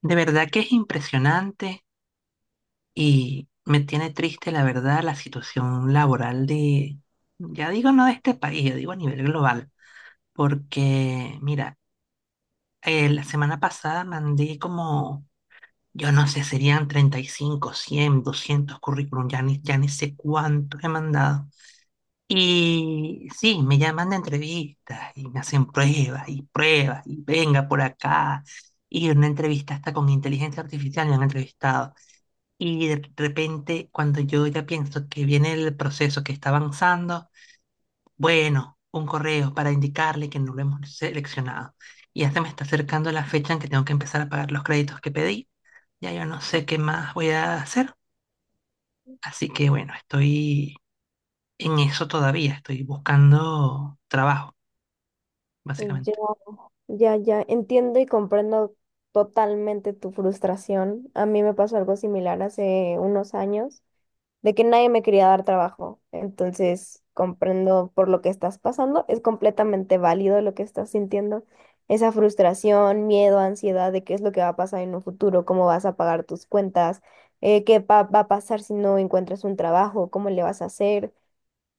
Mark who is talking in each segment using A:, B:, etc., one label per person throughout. A: De verdad que es impresionante y me tiene triste, la verdad, la situación laboral de, ya digo no de este país, yo digo a nivel global, porque mira, la semana pasada mandé como, yo no sé, serían 35 100 200 currículum, ya ni sé cuántos he mandado. Y sí, me llaman de entrevistas y me hacen pruebas y pruebas y venga por acá. Y una entrevista hasta con inteligencia artificial me han entrevistado. Y de repente, cuando yo ya pienso que viene el proceso que está avanzando, bueno, un correo para indicarle que no lo hemos seleccionado. Y ya se me está acercando la fecha en que tengo que empezar a pagar los créditos que pedí. Ya yo no sé qué más voy a hacer. Así que bueno, estoy en eso todavía. Estoy buscando trabajo,
B: Ya,
A: básicamente.
B: ya, ya, entiendo y comprendo totalmente tu frustración. A mí me pasó algo similar hace unos años, de que nadie me quería dar trabajo. Entonces, comprendo por lo que estás pasando. Es completamente válido lo que estás sintiendo. Esa frustración, miedo, ansiedad de qué es lo que va a pasar en un futuro, cómo vas a pagar tus cuentas, qué va a pasar si no encuentras un trabajo, cómo le vas a hacer.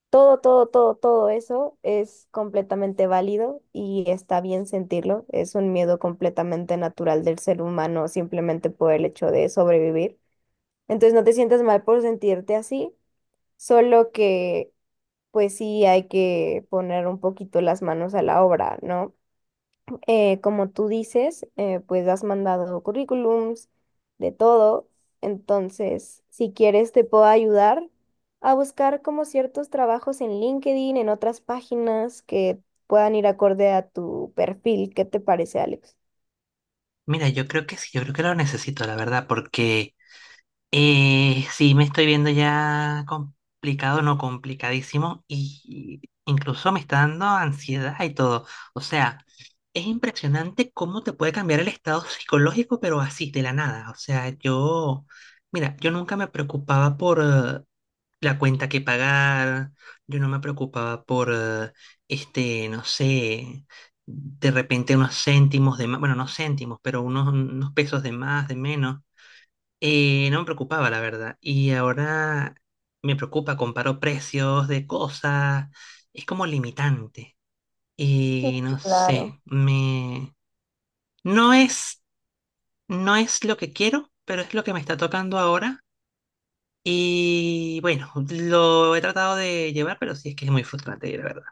B: Todo, todo, todo, todo eso es completamente válido y está bien sentirlo. Es un miedo completamente natural del ser humano simplemente por el hecho de sobrevivir. Entonces no te sientas mal por sentirte así, solo que pues sí hay que poner un poquito las manos a la obra, ¿no? Como tú dices, pues has mandado currículums de todo, entonces si quieres te puedo ayudar a buscar como ciertos trabajos en LinkedIn, en otras páginas que puedan ir acorde a tu perfil. ¿Qué te parece, Alex?
A: Mira, yo creo que sí, yo creo que lo necesito, la verdad, porque sí, me estoy viendo ya complicado, no complicadísimo, y incluso me está dando ansiedad y todo. O sea, es impresionante cómo te puede cambiar el estado psicológico, pero así, de la nada. O sea, yo, mira, yo nunca me preocupaba por la cuenta que pagar, yo no me preocupaba por, no sé, de repente unos céntimos de más, bueno, no céntimos, pero unos pesos de más, de menos. No me preocupaba, la verdad. Y ahora me preocupa, comparo precios de cosas. Es como limitante.
B: Sí,
A: Y no
B: claro.
A: sé, me... No es, no es lo que quiero, pero es lo que me está tocando ahora. Y bueno, lo he tratado de llevar, pero sí es que es muy frustrante, la verdad.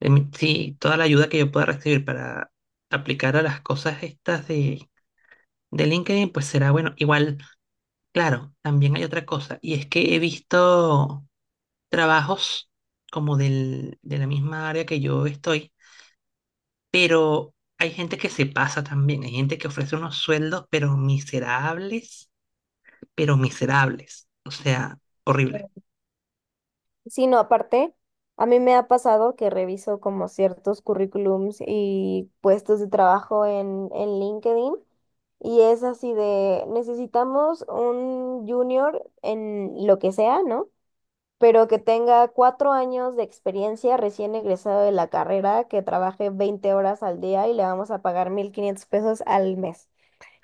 A: Sí, toda la ayuda que yo pueda recibir para aplicar a las cosas estas de LinkedIn, pues será bueno. Igual, claro, también hay otra cosa. Y es que he visto trabajos como de la misma área que yo estoy, pero hay gente que se pasa también, hay gente que ofrece unos sueldos, pero miserables, o sea, horrible.
B: Sí, no, aparte, a mí me ha pasado que reviso como ciertos currículums y puestos de trabajo en LinkedIn y es así de, necesitamos un junior en lo que sea, ¿no? Pero que tenga 4 años de experiencia recién egresado de la carrera, que trabaje 20 horas al día y le vamos a pagar 1,500 pesos al mes.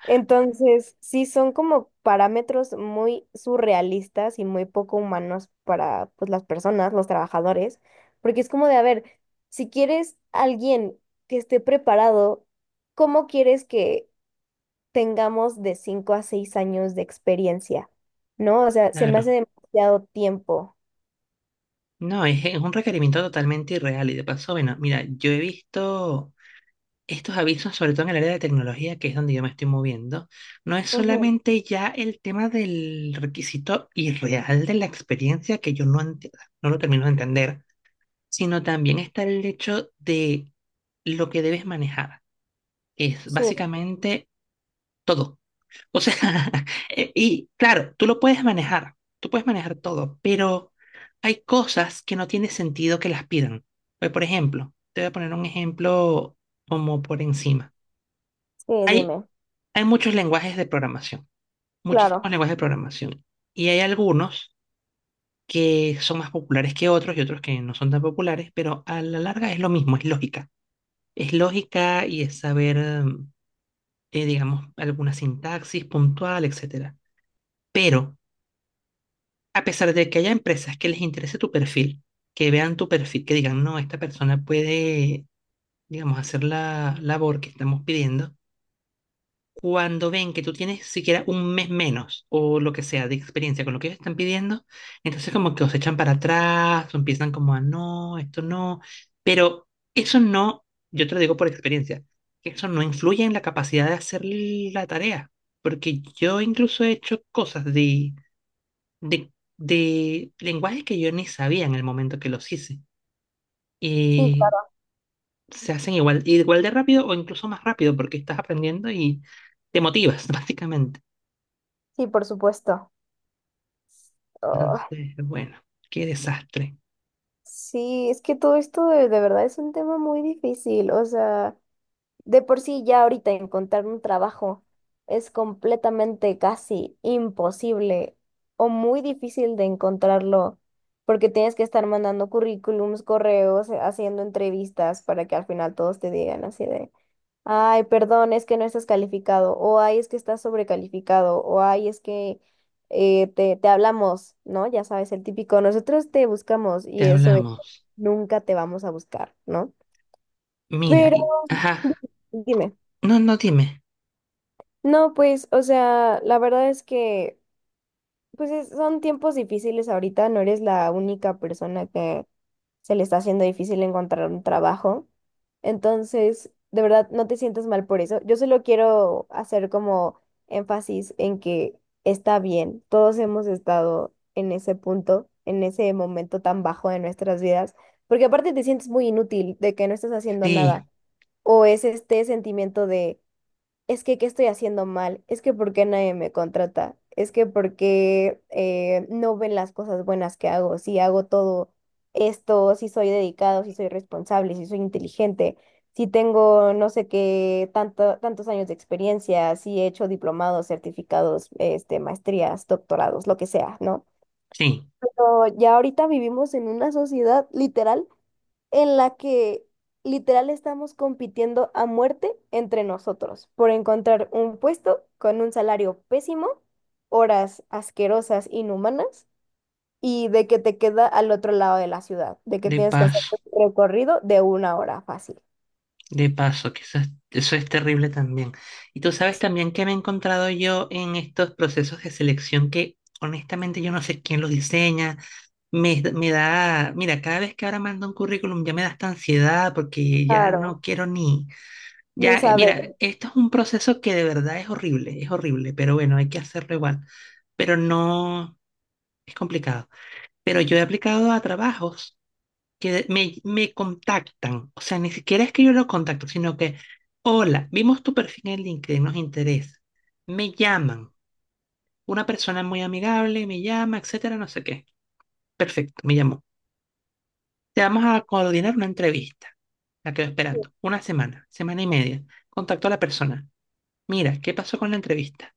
B: Entonces, sí son como parámetros muy surrealistas y muy poco humanos para pues las personas, los trabajadores, porque es como de, a ver, si quieres alguien que esté preparado, ¿cómo quieres que tengamos de 5 a 6 años de experiencia? ¿No? O sea, se me hace
A: Claro.
B: demasiado tiempo.
A: No, es un requerimiento totalmente irreal y de paso, bueno, mira, yo he visto estos avisos, sobre todo en el área de tecnología, que es donde yo me estoy moviendo, no es
B: Ujú.
A: solamente ya el tema del requisito irreal de la experiencia que yo no, enti- no lo termino de entender, sino también está el hecho de lo que debes manejar, que es
B: Sí,
A: básicamente todo. O sea, y claro, tú lo puedes manejar, tú puedes manejar todo, pero hay cosas que no tiene sentido que las pidan. Pues, por ejemplo, te voy a poner un ejemplo como por encima.
B: sí,
A: Hay,
B: dime.
A: hay muchos lenguajes de programación,
B: Claro.
A: muchísimos lenguajes de programación, y hay algunos que son más populares que otros y otros que no son tan populares, pero a la larga es lo mismo, es lógica. Es lógica y es saber, mm, digamos, alguna sintaxis puntual, etcétera. Pero, a pesar de que haya empresas que les interese tu perfil, que vean tu perfil, que digan, no, esta persona puede, digamos, hacer la labor que estamos pidiendo, cuando ven que tú tienes siquiera un mes menos o lo que sea de experiencia con lo que ellos están pidiendo, entonces como que os echan para atrás o empiezan como a no, esto no, pero eso no, yo te lo digo por experiencia, que eso no influye en la capacidad de hacer la tarea, porque yo incluso he hecho cosas de, de lenguajes que yo ni sabía en el momento que los hice.
B: Sí,
A: Y
B: claro.
A: se hacen igual, igual de rápido o incluso más rápido porque estás aprendiendo y te motivas, básicamente.
B: Sí, por supuesto. Ah,
A: Entonces, bueno, qué desastre.
B: sí, es que todo esto de verdad es un tema muy difícil. O sea, de por sí ya ahorita encontrar un trabajo es completamente casi imposible o muy difícil de encontrarlo porque tienes que estar mandando currículums, correos, haciendo entrevistas para que al final todos te digan así de, ay, perdón, es que no estás calificado o ay, es que estás sobrecalificado o ay, es que te hablamos, ¿no? Ya sabes, el típico, nosotros te buscamos
A: Te
B: y eso es,
A: hablamos.
B: nunca te vamos a buscar, ¿no?
A: Mira,
B: Pero
A: y, ajá,
B: dime.
A: no, no dime.
B: No, pues, o sea, la verdad es que, pues son tiempos difíciles ahorita, no eres la única persona que se le está haciendo difícil encontrar un trabajo. Entonces, de verdad, no te sientas mal por eso. Yo solo quiero hacer como énfasis en que está bien, todos hemos estado en ese punto, en ese momento tan bajo de nuestras vidas, porque aparte te sientes muy inútil de que no estás haciendo nada,
A: Sí,
B: o es este sentimiento de es que qué estoy haciendo mal, es que por qué nadie me contrata, es que por qué no ven las cosas buenas que hago, si hago todo esto, si soy dedicado, si soy responsable, si soy inteligente, si tengo no sé qué, tanto, tantos años de experiencia, si he hecho diplomados, certificados, este, maestrías, doctorados, lo que sea, ¿no?
A: sí,
B: Pero ya ahorita vivimos en una sociedad literal en la que literal estamos compitiendo a muerte entre nosotros por encontrar un puesto con un salario pésimo, horas asquerosas, inhumanas, y de que te queda al otro lado de la ciudad, de que
A: de
B: tienes que hacer
A: paso,
B: un recorrido de una hora fácil.
A: de paso, que eso es terrible también. Y tú sabes también que me he encontrado yo en estos procesos de selección que honestamente yo no sé quién los diseña. Me da, mira, cada vez que ahora mando un currículum ya me da esta ansiedad porque ya no
B: Claro,
A: quiero ni,
B: ni
A: ya,
B: saber,
A: mira, esto es un proceso que de verdad es horrible, pero bueno, hay que hacerlo igual. Pero no, es complicado. Pero yo he aplicado a trabajos que me contactan, o sea, ni siquiera es que yo los contacto, sino que, hola, vimos tu perfil en LinkedIn, nos interesa. Me llaman, una persona muy amigable me llama, etcétera, no sé qué. Perfecto, me llamó. Te vamos a coordinar una entrevista, la quedo esperando, una semana, semana y media. Contacto a la persona. Mira, ¿qué pasó con la entrevista?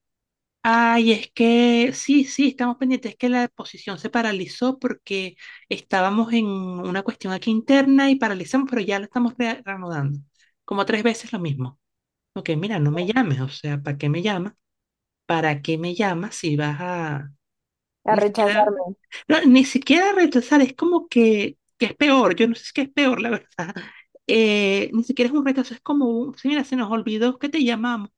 A: Ay, es que sí, sí, estamos pendientes. Es que la exposición se paralizó porque estábamos en una cuestión aquí interna y paralizamos, pero ya la estamos reanudando. Como tres veces lo mismo. Ok, mira, no me llames, o sea, ¿para qué me llamas? ¿Para qué me llamas si vas a,
B: a
A: ni siquiera,
B: rechazarme.
A: no, ni siquiera rechazar, es como que es peor, yo no sé si es peor, la verdad. Ni siquiera es un rechazo, es como un, sí, mira, se nos olvidó que te llamamos,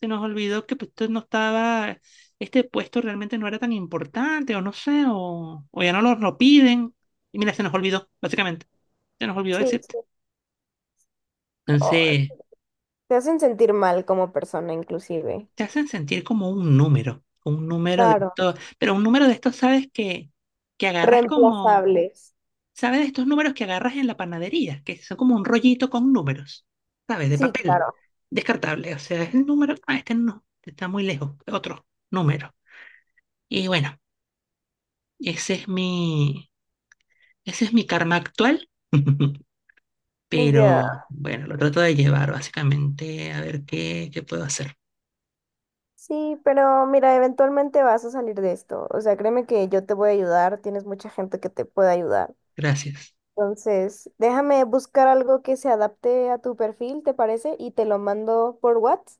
A: se nos olvidó que pues, tú no estaba, este puesto realmente no era tan importante, o no sé, o ya no nos lo piden, y mira, se nos olvidó, básicamente, se nos olvidó
B: Sí,
A: decirte.
B: sí. Oh,
A: Entonces,
B: te hacen sentir mal como persona, inclusive.
A: te hacen sentir como un número de
B: Claro,
A: esto, pero un número de estos, sabes que agarras como...
B: reemplazables.
A: ¿Sabes de estos números que agarras en la panadería? Que son como un rollito con números, ¿sabes? De
B: Sí,
A: papel,
B: claro.
A: descartable. O sea, es el número, ah, este no, este está muy lejos, otro número. Y bueno, ese es mi, ese es mi karma actual. Pero
B: Ya.
A: bueno, lo trato de llevar básicamente a ver qué, qué puedo hacer.
B: Sí, pero mira, eventualmente vas a salir de esto. O sea, créeme que yo te voy a ayudar, tienes mucha gente que te puede ayudar.
A: Gracias.
B: Entonces, déjame buscar algo que se adapte a tu perfil, ¿te parece? Y te lo mando por WhatsApp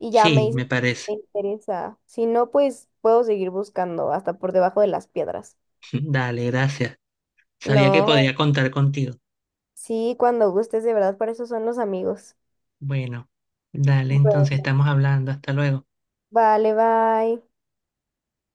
B: y ya me
A: Sí, me
B: dices si
A: parece.
B: te interesa. Si no, pues puedo seguir buscando hasta por debajo de las piedras.
A: Dale, gracias. Sabía que
B: No,
A: podía contar contigo.
B: sí, cuando gustes, de verdad, para eso son los amigos.
A: Bueno, dale, entonces
B: Bueno,
A: estamos hablando. Hasta luego.
B: vale, bye.